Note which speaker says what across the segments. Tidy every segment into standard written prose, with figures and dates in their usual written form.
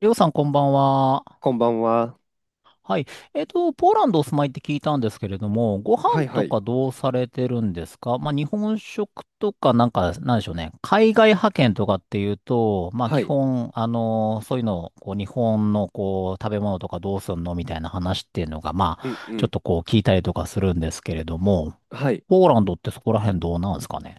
Speaker 1: りょうさん、こんばんは。
Speaker 2: こんばんは。
Speaker 1: はい。ポーランドお住まいって聞いたんですけれども、ご
Speaker 2: は
Speaker 1: 飯
Speaker 2: いは
Speaker 1: と
Speaker 2: い。
Speaker 1: かどうされてるんですか？まあ、日本食とか、なんか、なんでしょうね。海外派遣とかっていうと、まあ、基
Speaker 2: はい。
Speaker 1: 本、そういうのを、こう、日本の、こう、食べ物とかどうすんのみたいな話っていうのが、ま
Speaker 2: うん
Speaker 1: あ、
Speaker 2: う
Speaker 1: ちょっ
Speaker 2: ん。
Speaker 1: とこう、聞いたりとかするんですけれども、
Speaker 2: はい。
Speaker 1: ポーランドってそこら辺どうなんですかね？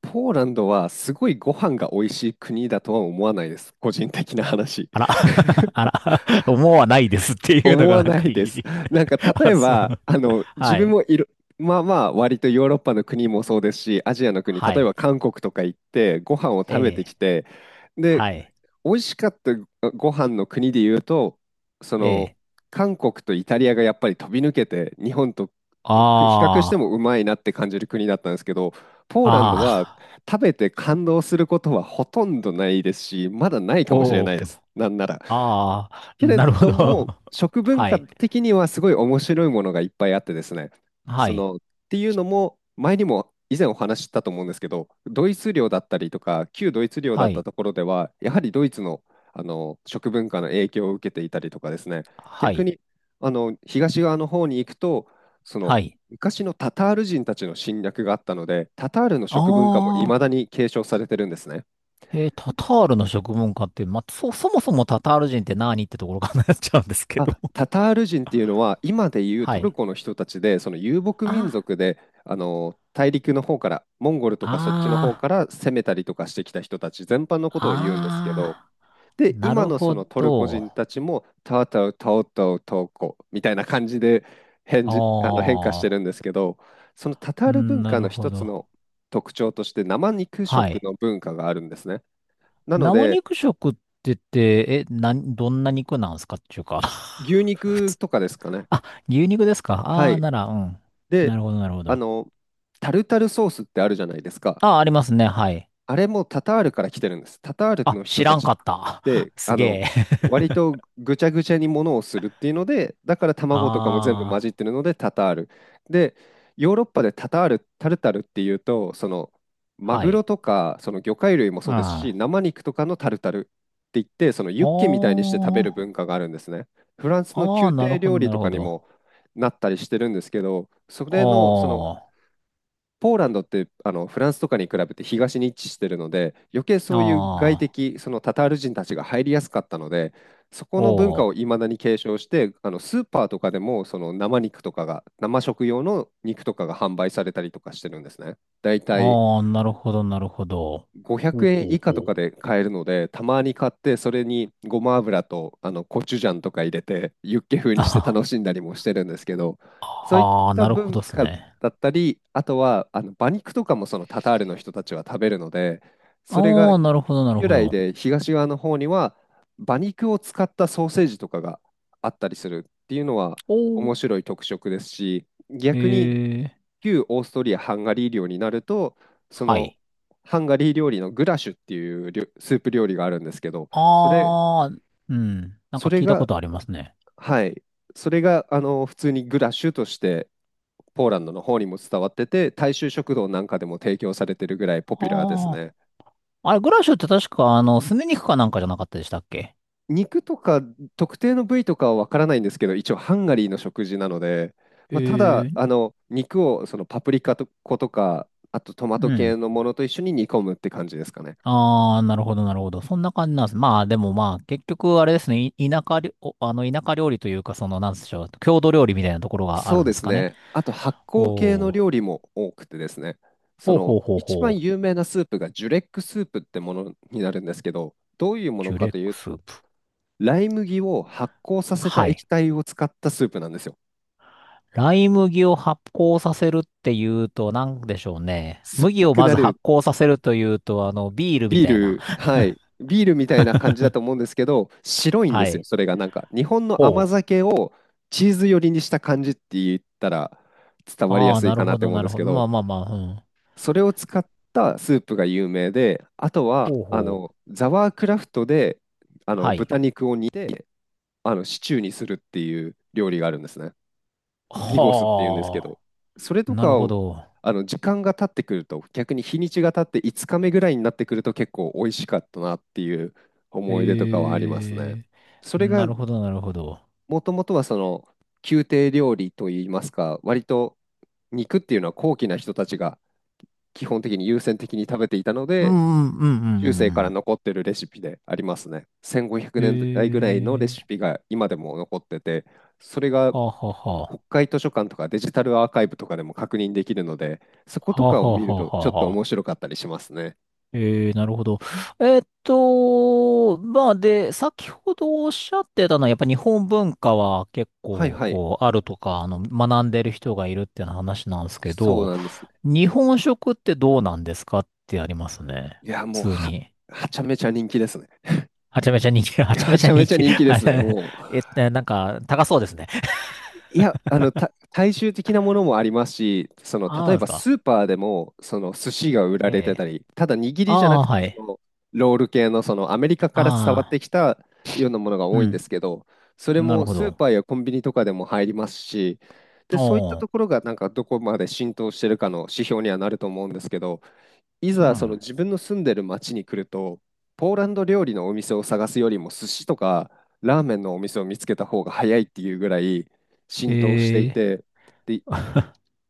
Speaker 2: ポーランドはすごいご飯が美味しい国だとは思わないです。個人的な話。
Speaker 1: あら、あら、思わないですっていうの
Speaker 2: 思
Speaker 1: が
Speaker 2: わ
Speaker 1: なん
Speaker 2: な
Speaker 1: か
Speaker 2: い
Speaker 1: い
Speaker 2: です。
Speaker 1: い。
Speaker 2: なんか例
Speaker 1: あ、
Speaker 2: え
Speaker 1: そう。
Speaker 2: ば、自
Speaker 1: は
Speaker 2: 分
Speaker 1: い。
Speaker 2: もいる、まあまあ割とヨーロッパの国もそうですし、アジアの国、例
Speaker 1: は
Speaker 2: えば
Speaker 1: い。
Speaker 2: 韓国とか行ってご飯を
Speaker 1: え
Speaker 2: 食べてき
Speaker 1: え、
Speaker 2: て、で、
Speaker 1: はい、
Speaker 2: 美味しかったご飯の国で言うと、そ
Speaker 1: え
Speaker 2: の、
Speaker 1: え、
Speaker 2: 韓国とイタリアがやっぱり飛び抜けて、日本と比較して
Speaker 1: あ
Speaker 2: もうまいなって感じる国だったんですけど、ポー
Speaker 1: あ、
Speaker 2: ランドは
Speaker 1: ああ、
Speaker 2: 食べて感動することはほとんどないですし、まだないかもしれ
Speaker 1: お
Speaker 2: な
Speaker 1: お、
Speaker 2: いです。なんなら。
Speaker 1: ああ、
Speaker 2: けれ
Speaker 1: なるほ
Speaker 2: ど
Speaker 1: ど。
Speaker 2: も、食 文
Speaker 1: は
Speaker 2: 化
Speaker 1: い、
Speaker 2: 的にはすごい面白いものがいっぱいあってですね。
Speaker 1: はい、
Speaker 2: っていうのも、前にも以前お話ししたと思うんですけど、ドイツ領だったりとか、旧ドイツ領だ
Speaker 1: は
Speaker 2: った
Speaker 1: い、
Speaker 2: ところでは、やはりドイツの、食文化の影響を受けていたりとかですね、
Speaker 1: は
Speaker 2: 逆
Speaker 1: い、
Speaker 2: に東側の方に行くと、その
Speaker 1: はい。
Speaker 2: 昔のタタール人たちの侵略があったので、タタールの食文化もいまだ
Speaker 1: ああ、
Speaker 2: に継承されてるんですね。
Speaker 1: えー、タタールの食文化って、まあ、そ、そもそもタタール人って何ってところからなっちゃうんですけど。
Speaker 2: あ、タタール人っていうのは今でいう
Speaker 1: は
Speaker 2: トル
Speaker 1: い。
Speaker 2: コの人たちで、その遊牧民
Speaker 1: あ、
Speaker 2: 族で、大陸の方からモンゴルとかそっちの方か
Speaker 1: あ
Speaker 2: ら攻めたりとかしてきた人たち全般のことを言うんですけど、
Speaker 1: あ、ああ、
Speaker 2: で
Speaker 1: な
Speaker 2: 今
Speaker 1: る
Speaker 2: のそ
Speaker 1: ほ
Speaker 2: のトルコ
Speaker 1: ど。
Speaker 2: 人たちもタウタウタオタウトウコみたいな感じで変
Speaker 1: あ
Speaker 2: じ、あの変化してる
Speaker 1: あ、
Speaker 2: んですけど、そのタタ
Speaker 1: う
Speaker 2: ール
Speaker 1: ん、
Speaker 2: 文
Speaker 1: な
Speaker 2: 化
Speaker 1: る
Speaker 2: の
Speaker 1: ほ
Speaker 2: 一つ
Speaker 1: ど。
Speaker 2: の特徴として生肉
Speaker 1: は
Speaker 2: 食
Speaker 1: い。
Speaker 2: の文化があるんですね。なの
Speaker 1: 生
Speaker 2: で
Speaker 1: 肉食って言って、え、なん、どんな肉なんすかっていうか
Speaker 2: 牛
Speaker 1: 普
Speaker 2: 肉
Speaker 1: 通。
Speaker 2: とかですかね。
Speaker 1: あ、牛肉ですか、
Speaker 2: は
Speaker 1: ああー、
Speaker 2: い。
Speaker 1: なら、うん。
Speaker 2: で、
Speaker 1: なるほど、なるほ
Speaker 2: あ
Speaker 1: ど。
Speaker 2: の、タルタルソースってあるじゃないですか。
Speaker 1: あ、ありますね、はい。
Speaker 2: あれもタタールから来てるんです。タタール
Speaker 1: あ、
Speaker 2: の
Speaker 1: 知
Speaker 2: 人た
Speaker 1: らん
Speaker 2: ちっ
Speaker 1: かった。
Speaker 2: て、
Speaker 1: すげえ。
Speaker 2: 割とぐちゃぐちゃにものをするっていうので、だから 卵とかも全部混じ
Speaker 1: あ
Speaker 2: ってるのでタタール。で、ヨーロッパでタタール、タルタルっていうと、
Speaker 1: あ、
Speaker 2: マ
Speaker 1: は
Speaker 2: グロ
Speaker 1: い。
Speaker 2: とか、その魚介類も
Speaker 1: う
Speaker 2: そ
Speaker 1: ん。
Speaker 2: うですし、
Speaker 1: あ
Speaker 2: 生肉とかのタルタルって言って、そのユッ
Speaker 1: ー、
Speaker 2: ケみたいにして食べる文化があるんですね。フランスの
Speaker 1: あー、
Speaker 2: 宮
Speaker 1: なる
Speaker 2: 廷
Speaker 1: ほど、
Speaker 2: 料理
Speaker 1: なる
Speaker 2: とか
Speaker 1: ほ
Speaker 2: に
Speaker 1: ど。
Speaker 2: もなったりしてるんですけど、それの、その、
Speaker 1: あ
Speaker 2: ポーランドってフランスとかに比べて東に位置してるので、余計そ
Speaker 1: あ、
Speaker 2: ういう外
Speaker 1: ああ、
Speaker 2: 敵、そのタタール人たちが入りやすかったので、そこ
Speaker 1: お
Speaker 2: の文化
Speaker 1: ー、
Speaker 2: をいまだに継承して、スーパーとかでもその生肉とかが、生食用の肉とかが販売されたりとかしてるんですね。だいたい
Speaker 1: ああ、なるほど、なるほど。
Speaker 2: 500
Speaker 1: ほう
Speaker 2: 円
Speaker 1: ほう
Speaker 2: 以下と
Speaker 1: ほう。
Speaker 2: かで買えるので、たまに買って、それにごま油とコチュジャンとか入れて、ユッケ風
Speaker 1: あ
Speaker 2: にして
Speaker 1: は、
Speaker 2: 楽しんだりもしてるんですけど、そういっ
Speaker 1: はあー、
Speaker 2: た
Speaker 1: なるほ
Speaker 2: 文
Speaker 1: どっす
Speaker 2: 化
Speaker 1: ね。
Speaker 2: だったり、あとは馬肉とかもそのタタールの人たちは食べるので、それが
Speaker 1: ああ、なるほど、なる
Speaker 2: 由
Speaker 1: ほ
Speaker 2: 来
Speaker 1: ど。
Speaker 2: で東側の方には馬肉を使ったソーセージとかがあったりするっていうのは
Speaker 1: お、
Speaker 2: 面白い特色ですし、逆に
Speaker 1: ええ、
Speaker 2: 旧オーストリア・ハンガリー領になると、そ
Speaker 1: は
Speaker 2: の
Speaker 1: い。
Speaker 2: ハンガリー料理のグラシュっていうスープ料理があるんですけど、それ、
Speaker 1: あー、うん。なん
Speaker 2: そ
Speaker 1: か
Speaker 2: れ
Speaker 1: 聞いたこ
Speaker 2: が、
Speaker 1: とありますね。
Speaker 2: はい、それが普通にグラシュとしてポーランドの方にも伝わってて、大衆食堂なんかでも提供されてるぐらいポピュラーです
Speaker 1: あー。
Speaker 2: ね。
Speaker 1: あれ、グラッシュって確か、すね肉かなんかじゃなかったでしたっけ？
Speaker 2: 肉とか特定の部位とかはわからないんですけど、一応ハンガリーの食事なので、まあ、ただ
Speaker 1: ええ、
Speaker 2: 肉をそのパプリカと粉とか、あとトマト
Speaker 1: う
Speaker 2: 系
Speaker 1: ん。
Speaker 2: のものと一緒に煮込むって感じですかね。
Speaker 1: あー、なるほど、なるほど。そんな感じなんです。まあ、でもまあ、結局、あれですね、い、田舎りお、田舎料理というか、その、なんでしょう、郷土料理みたいなところがあ
Speaker 2: そう
Speaker 1: るん
Speaker 2: で
Speaker 1: です
Speaker 2: す
Speaker 1: かね。
Speaker 2: ね。あと発酵系の
Speaker 1: おー。
Speaker 2: 料理も多くてですね、そ
Speaker 1: ほう
Speaker 2: の
Speaker 1: ほうほう
Speaker 2: 一
Speaker 1: ほ
Speaker 2: 番
Speaker 1: う。
Speaker 2: 有名なスープがジュレックスープってものになるんですけど、どういうもの
Speaker 1: ジュ
Speaker 2: か
Speaker 1: レッ
Speaker 2: とい
Speaker 1: ク
Speaker 2: うと、
Speaker 1: スープ。
Speaker 2: ライ麦を発酵させた
Speaker 1: は
Speaker 2: 液
Speaker 1: い。
Speaker 2: 体を使ったスープなんですよ。
Speaker 1: ライ麦を発酵させるっていうと、なんでしょうね。
Speaker 2: 酸っ
Speaker 1: 麦
Speaker 2: ぱ
Speaker 1: を
Speaker 2: く
Speaker 1: ま
Speaker 2: な
Speaker 1: ず発
Speaker 2: る
Speaker 1: 酵させるというと、ビールみ
Speaker 2: ビー
Speaker 1: たいな。
Speaker 2: ル、はい、ビールみたいな感じだと思うんですけど、白いんで
Speaker 1: は
Speaker 2: すよ、
Speaker 1: い。
Speaker 2: それがなんか。日本の甘
Speaker 1: ほう。
Speaker 2: 酒をチーズ寄りにした感じって言ったら伝わりや
Speaker 1: ああ、
Speaker 2: すい
Speaker 1: なる
Speaker 2: かな
Speaker 1: ほ
Speaker 2: って
Speaker 1: ど、
Speaker 2: 思うん
Speaker 1: な
Speaker 2: で
Speaker 1: る
Speaker 2: す
Speaker 1: ほ
Speaker 2: け
Speaker 1: ど。ま
Speaker 2: ど、
Speaker 1: あまあまあ、うん。
Speaker 2: それを使ったスープが有名で、あとは
Speaker 1: ほうほう。
Speaker 2: ザワークラフトで
Speaker 1: はい。
Speaker 2: 豚肉を煮てシチューにするっていう料理があるんですね。ビゴスっていうんですけど、
Speaker 1: は
Speaker 2: それ
Speaker 1: あ。
Speaker 2: と
Speaker 1: なる
Speaker 2: か
Speaker 1: ほ
Speaker 2: を
Speaker 1: ど。
Speaker 2: 時間が経ってくると、逆に日にちが経って5日目ぐらいになってくると結構美味しかったなっていう思い出とかはあります
Speaker 1: え
Speaker 2: ね。
Speaker 1: え。
Speaker 2: それ
Speaker 1: な
Speaker 2: が
Speaker 1: るほど、なるほど。
Speaker 2: もともとはその宮廷料理といいますか、割と肉っていうのは高貴な人たちが基本的に優先的に食べていたの
Speaker 1: う
Speaker 2: で、
Speaker 1: んうんうん
Speaker 2: 中世か
Speaker 1: う
Speaker 2: ら
Speaker 1: ん
Speaker 2: 残ってるレシピでありますね。1500
Speaker 1: う
Speaker 2: 年代
Speaker 1: ん。
Speaker 2: ぐらいのレ
Speaker 1: え
Speaker 2: シ
Speaker 1: え。
Speaker 2: ピが今でも残ってて、それが
Speaker 1: はあはあはあ。
Speaker 2: 国会図書館とかデジタルアーカイブとかでも確認できるので、そこと
Speaker 1: はあ
Speaker 2: か
Speaker 1: は
Speaker 2: を
Speaker 1: あ
Speaker 2: 見
Speaker 1: は
Speaker 2: る
Speaker 1: あ
Speaker 2: と
Speaker 1: は
Speaker 2: ちょっ
Speaker 1: あはあは
Speaker 2: と
Speaker 1: あ
Speaker 2: 面
Speaker 1: は、
Speaker 2: 白かったりしますね。
Speaker 1: えー、なるほど。まあで、先ほどおっしゃってたのは、やっぱ日本文化は結
Speaker 2: はい
Speaker 1: 構、
Speaker 2: はい、
Speaker 1: こう、あるとか、学んでる人がいるっていう話なんですけ
Speaker 2: そう
Speaker 1: ど、
Speaker 2: なんですね。
Speaker 1: 日本食ってどうなんですかってありますね。
Speaker 2: いや、もう
Speaker 1: 普通
Speaker 2: は、
Speaker 1: に。
Speaker 2: はちゃめちゃ人気ですね。
Speaker 1: はちゃめちゃ人気、
Speaker 2: い
Speaker 1: は
Speaker 2: や、
Speaker 1: ちゃ
Speaker 2: は
Speaker 1: めち
Speaker 2: ち
Speaker 1: ゃ
Speaker 2: ゃめ
Speaker 1: 人
Speaker 2: ちゃ
Speaker 1: 気。
Speaker 2: 人気で
Speaker 1: あ
Speaker 2: すね。
Speaker 1: れ、なんか、高そうですね。
Speaker 2: いや、大衆的なものもありますし、
Speaker 1: あ
Speaker 2: 例
Speaker 1: あ、
Speaker 2: え
Speaker 1: で
Speaker 2: ば
Speaker 1: す
Speaker 2: ス
Speaker 1: か。
Speaker 2: ーパーでも、寿司が売ら
Speaker 1: え
Speaker 2: れてた
Speaker 1: え。
Speaker 2: り、ただ握
Speaker 1: あ
Speaker 2: りじゃなく
Speaker 1: あ、
Speaker 2: て、
Speaker 1: はい。
Speaker 2: ロール系の、アメリカから伝わっ
Speaker 1: あ
Speaker 2: て
Speaker 1: あ、
Speaker 2: きたようなものが
Speaker 1: う
Speaker 2: 多いんで
Speaker 1: ん。
Speaker 2: すけど、それ
Speaker 1: なる
Speaker 2: も
Speaker 1: ほ
Speaker 2: スー
Speaker 1: ど。
Speaker 2: パーやコンビニとかでも入りますし、で、そういった
Speaker 1: お
Speaker 2: とこ
Speaker 1: ー、
Speaker 2: ろが、なんか、どこまで浸透してるかの指標にはなると思うんですけど、い
Speaker 1: う
Speaker 2: ざその
Speaker 1: ん。
Speaker 2: 自分の住んでる町に来ると、ポーランド料理のお店を探すよりも寿司とかラーメンのお店を見つけた方が早いっていうぐらい浸透してい
Speaker 1: え
Speaker 2: て、で、
Speaker 1: え。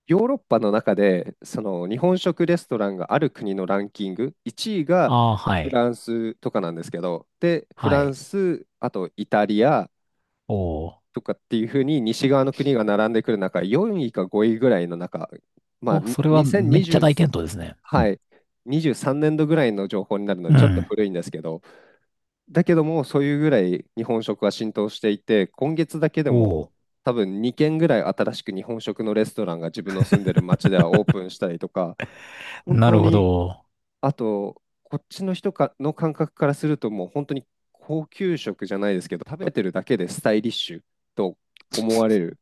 Speaker 2: ヨーロッパの中でその日本食レストランがある国のランキング、1位が
Speaker 1: ああ、は
Speaker 2: フ
Speaker 1: い。
Speaker 2: ランスとかなんですけど、で、フ
Speaker 1: は
Speaker 2: ラン
Speaker 1: い。
Speaker 2: ス、あとイタリア
Speaker 1: おー、
Speaker 2: とかっていうふうに西側の国が並んでくる中、4位か5位ぐらいの中、まあ、
Speaker 1: お、
Speaker 2: に
Speaker 1: それはめっちゃ大
Speaker 2: 2023、
Speaker 1: 健闘ですね。う
Speaker 2: は
Speaker 1: ん、
Speaker 2: い、23年度ぐらいの情報になるので、ちょっと古いんですけど、だけども、そういうぐらい日本食は浸透していて、今月だけで
Speaker 1: お
Speaker 2: も、
Speaker 1: お、
Speaker 2: 多分2軒ぐらい新しく日本食のレストランが自分の住んでる町ではオープンしたりとか、本
Speaker 1: な
Speaker 2: 当
Speaker 1: るほ
Speaker 2: に、
Speaker 1: ど。
Speaker 2: あと、こっちの人かの感覚からすると、もう本当に高級食じゃないですけど、食べてるだけでスタイリッシュと思われる。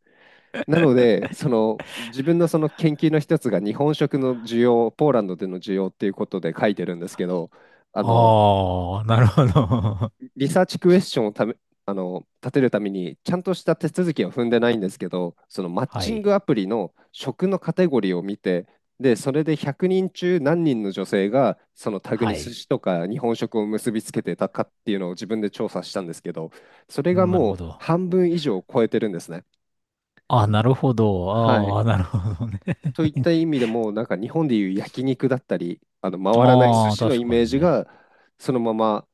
Speaker 2: なので、その自分のその研究の一つが日本食の需要、ポーランドでの需要っていうことで書いてるんですけど、あの
Speaker 1: ああ、なるほど。
Speaker 2: リサーチクエスチョンをため、立てるためにちゃんとした手続きは踏んでないんですけど、そのマ ッ
Speaker 1: は
Speaker 2: チン
Speaker 1: い。
Speaker 2: グアプリの食のカテゴリーを見て、で、それで100人中何人の女性がそのタグ
Speaker 1: は
Speaker 2: に寿
Speaker 1: い。
Speaker 2: 司とか日本食を結びつけてたかっていうのを自分で調査したんですけど、それが
Speaker 1: なる
Speaker 2: も
Speaker 1: ほ
Speaker 2: う
Speaker 1: ど。
Speaker 2: 半分以上を超えてるんですね。
Speaker 1: あ、なるほど。
Speaker 2: はい。
Speaker 1: ああ、なるほどね。
Speaker 2: と いった意味でも、なんか日本でいう焼肉だったり、あの回らない寿
Speaker 1: ああ、
Speaker 2: 司の
Speaker 1: 確
Speaker 2: イ
Speaker 1: か
Speaker 2: メー
Speaker 1: に
Speaker 2: ジ
Speaker 1: ね。
Speaker 2: が、そのまま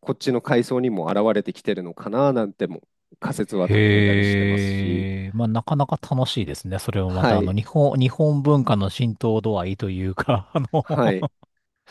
Speaker 2: こっちの海藻にも現れてきてるのかななんても仮説は立てたりしてますし、
Speaker 1: へえ。まあ、なかなか楽しいですね。それもま
Speaker 2: は
Speaker 1: た、
Speaker 2: い、
Speaker 1: 日本、日本文化の浸透度合いというか、
Speaker 2: はい。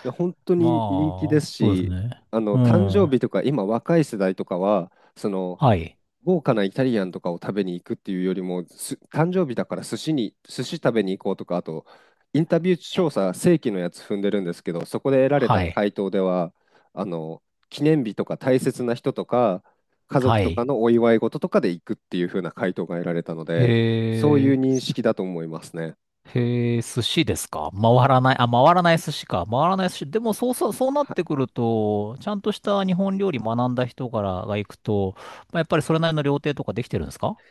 Speaker 2: で本当
Speaker 1: ま
Speaker 2: に人気です
Speaker 1: あ、そうです
Speaker 2: し、
Speaker 1: ね。う
Speaker 2: 誕生
Speaker 1: ん。
Speaker 2: 日とか、今、若い世代とかは、その
Speaker 1: はい。
Speaker 2: 豪華なイタリアンとかを食べに行くっていうよりも、誕生日だから寿司食べに行こうとか、あと、インタビュー調査、正規のやつ踏んでるんですけど、そこで得られ
Speaker 1: は
Speaker 2: た
Speaker 1: い。
Speaker 2: 回答では、あの記念日とか大切な人とか、家
Speaker 1: は
Speaker 2: 族とか
Speaker 1: い。
Speaker 2: のお祝い事とかで行くっていう風な回答が得られたので、そう
Speaker 1: へ
Speaker 2: いう
Speaker 1: え、
Speaker 2: 認識だと思いますね。
Speaker 1: へえ、寿司ですか回らない、あ、回らない寿司か。回らない寿司。でも、そうそう、そうなっ
Speaker 2: は
Speaker 1: て
Speaker 2: い。
Speaker 1: くると、ちゃんとした日本料理学んだ人からが行くと、まあ、やっぱりそれなりの料亭とかできてるんですか？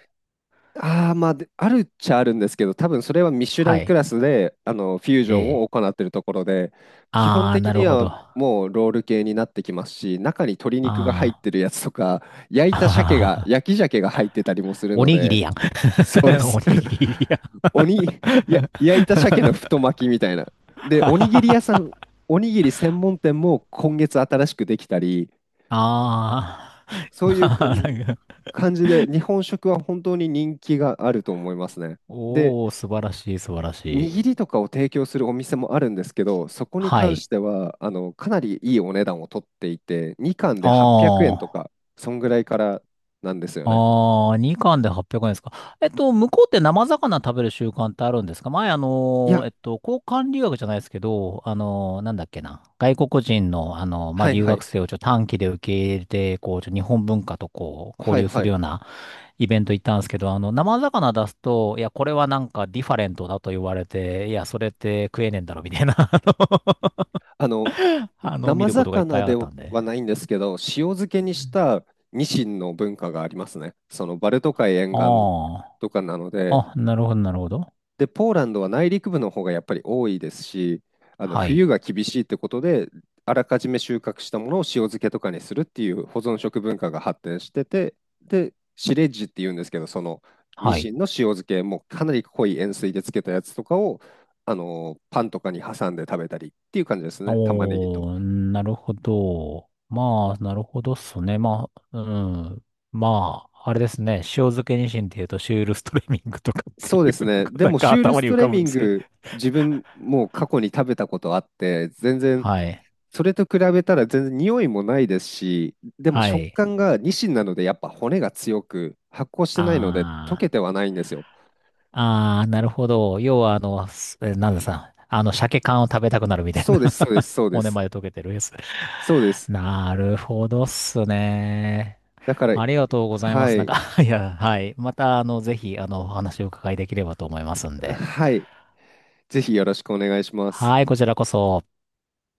Speaker 2: ああ、まあ、であるっちゃあるんですけど、多分それはミシュラ
Speaker 1: は
Speaker 2: ンク
Speaker 1: い。
Speaker 2: ラスで、フュージ
Speaker 1: え
Speaker 2: ョンを
Speaker 1: え。
Speaker 2: 行っているところで、基本
Speaker 1: ああ、
Speaker 2: 的
Speaker 1: なる
Speaker 2: に
Speaker 1: ほ
Speaker 2: は
Speaker 1: ど。あ
Speaker 2: もうロール系になってきますし、中に鶏肉が入っ
Speaker 1: あ。
Speaker 2: てるやつとか、焼い
Speaker 1: あ
Speaker 2: た
Speaker 1: はは
Speaker 2: 鮭が、
Speaker 1: は
Speaker 2: 焼き鮭が入ってたりもする
Speaker 1: お
Speaker 2: の
Speaker 1: にぎり
Speaker 2: で、
Speaker 1: やん。
Speaker 2: そうで
Speaker 1: お
Speaker 2: す。
Speaker 1: にぎりやん。
Speaker 2: 鬼、焼いた鮭の 太巻きみたいな。で、おにぎり屋さん、おにぎり専門店も今月新しくできたり、
Speaker 1: ああ。
Speaker 2: そう
Speaker 1: ま
Speaker 2: いう感
Speaker 1: あ、
Speaker 2: じ
Speaker 1: なんか、
Speaker 2: 感じで、日本食は本当に人気があると思いますね。で、
Speaker 1: おー、素晴らしい、素晴らしい。
Speaker 2: 握りとかを提供するお店もあるんですけど、そこに
Speaker 1: は
Speaker 2: 関し
Speaker 1: い。
Speaker 2: ては、かなりいいお値段を取っていて、2貫で
Speaker 1: あ
Speaker 2: 800円と
Speaker 1: あ。
Speaker 2: か、そんぐらいからなんですよね。
Speaker 1: ああ、2貫で800円ですか。向こうって生魚食べる習慣ってあるんですか？前、
Speaker 2: いや、
Speaker 1: 交換留学じゃないですけど、なんだっけな。外国人の、まあ、
Speaker 2: はい
Speaker 1: 留
Speaker 2: は
Speaker 1: 学
Speaker 2: い、
Speaker 1: 生をちょっと短期で受け入れて、こう、ちょっと日本文化とこう、交
Speaker 2: はい
Speaker 1: 流す
Speaker 2: は
Speaker 1: る
Speaker 2: い。
Speaker 1: ようなイベント行ったんですけど、生魚出すと、いや、これはなんかディファレントだと言われて、いや、それって食えねえんだろ、みたいな、
Speaker 2: あの、
Speaker 1: あの見
Speaker 2: 生
Speaker 1: ることがいっぱ
Speaker 2: 魚
Speaker 1: いあ
Speaker 2: で
Speaker 1: ったんで。
Speaker 2: はないんですけど、塩漬けにしたニシンの文化がありますね。そのバルト海沿岸
Speaker 1: あ
Speaker 2: とかなので、
Speaker 1: あ、あ、なるほど、なるほど。
Speaker 2: で、ポーランドは内陸部の方がやっぱり多いですし、
Speaker 1: は
Speaker 2: 冬
Speaker 1: い、
Speaker 2: が厳しいってことで、あらかじめ収穫したものを塩漬けとかにするっていう保存食文化が発展してて、で、シレッジっていうんですけど、そのニ
Speaker 1: は
Speaker 2: シ
Speaker 1: い。
Speaker 2: ンの塩漬け、もうかなり濃い塩水で漬けたやつとかを、パンとかに挟んで食べたりっていう感じですね、玉ねぎと。
Speaker 1: おー、なるほど。まあ、なるほどっすね。まあ、うん。まあ、あれですね。塩漬けニシンっていうと、シュールストレミングとかって
Speaker 2: そう
Speaker 1: い
Speaker 2: で
Speaker 1: う
Speaker 2: す
Speaker 1: の
Speaker 2: ね、
Speaker 1: が、
Speaker 2: で
Speaker 1: なん
Speaker 2: も
Speaker 1: か
Speaker 2: シュール
Speaker 1: 頭
Speaker 2: ス
Speaker 1: に
Speaker 2: ト
Speaker 1: 浮
Speaker 2: レ
Speaker 1: かぶ
Speaker 2: ミ
Speaker 1: ん
Speaker 2: ン
Speaker 1: ですけど。
Speaker 2: グ、自分もう過去に食べたことあって、全然
Speaker 1: はい。
Speaker 2: それと比べたら全然匂いもないですし、でも
Speaker 1: は
Speaker 2: 食
Speaker 1: い。
Speaker 2: 感がニシンなのでやっぱ骨が強く発酵してないので溶
Speaker 1: あ
Speaker 2: け
Speaker 1: ー。
Speaker 2: てはないんですよ。
Speaker 1: あー、なるほど。要は、すえなんださ、鮭缶を食べたくなるみたい
Speaker 2: そう
Speaker 1: な。
Speaker 2: です、そ うです、そうで
Speaker 1: 骨
Speaker 2: す。
Speaker 1: まで溶けてるやつ。
Speaker 2: そうです。
Speaker 1: なるほどっすね。
Speaker 2: だから、
Speaker 1: ありがとうございま
Speaker 2: は
Speaker 1: す。なん
Speaker 2: い、
Speaker 1: か いや、はい。また、ぜひ、お話をお伺いできればと思いますんで。
Speaker 2: はい、ぜひよろしくお願いします。
Speaker 1: はい、こちらこそ。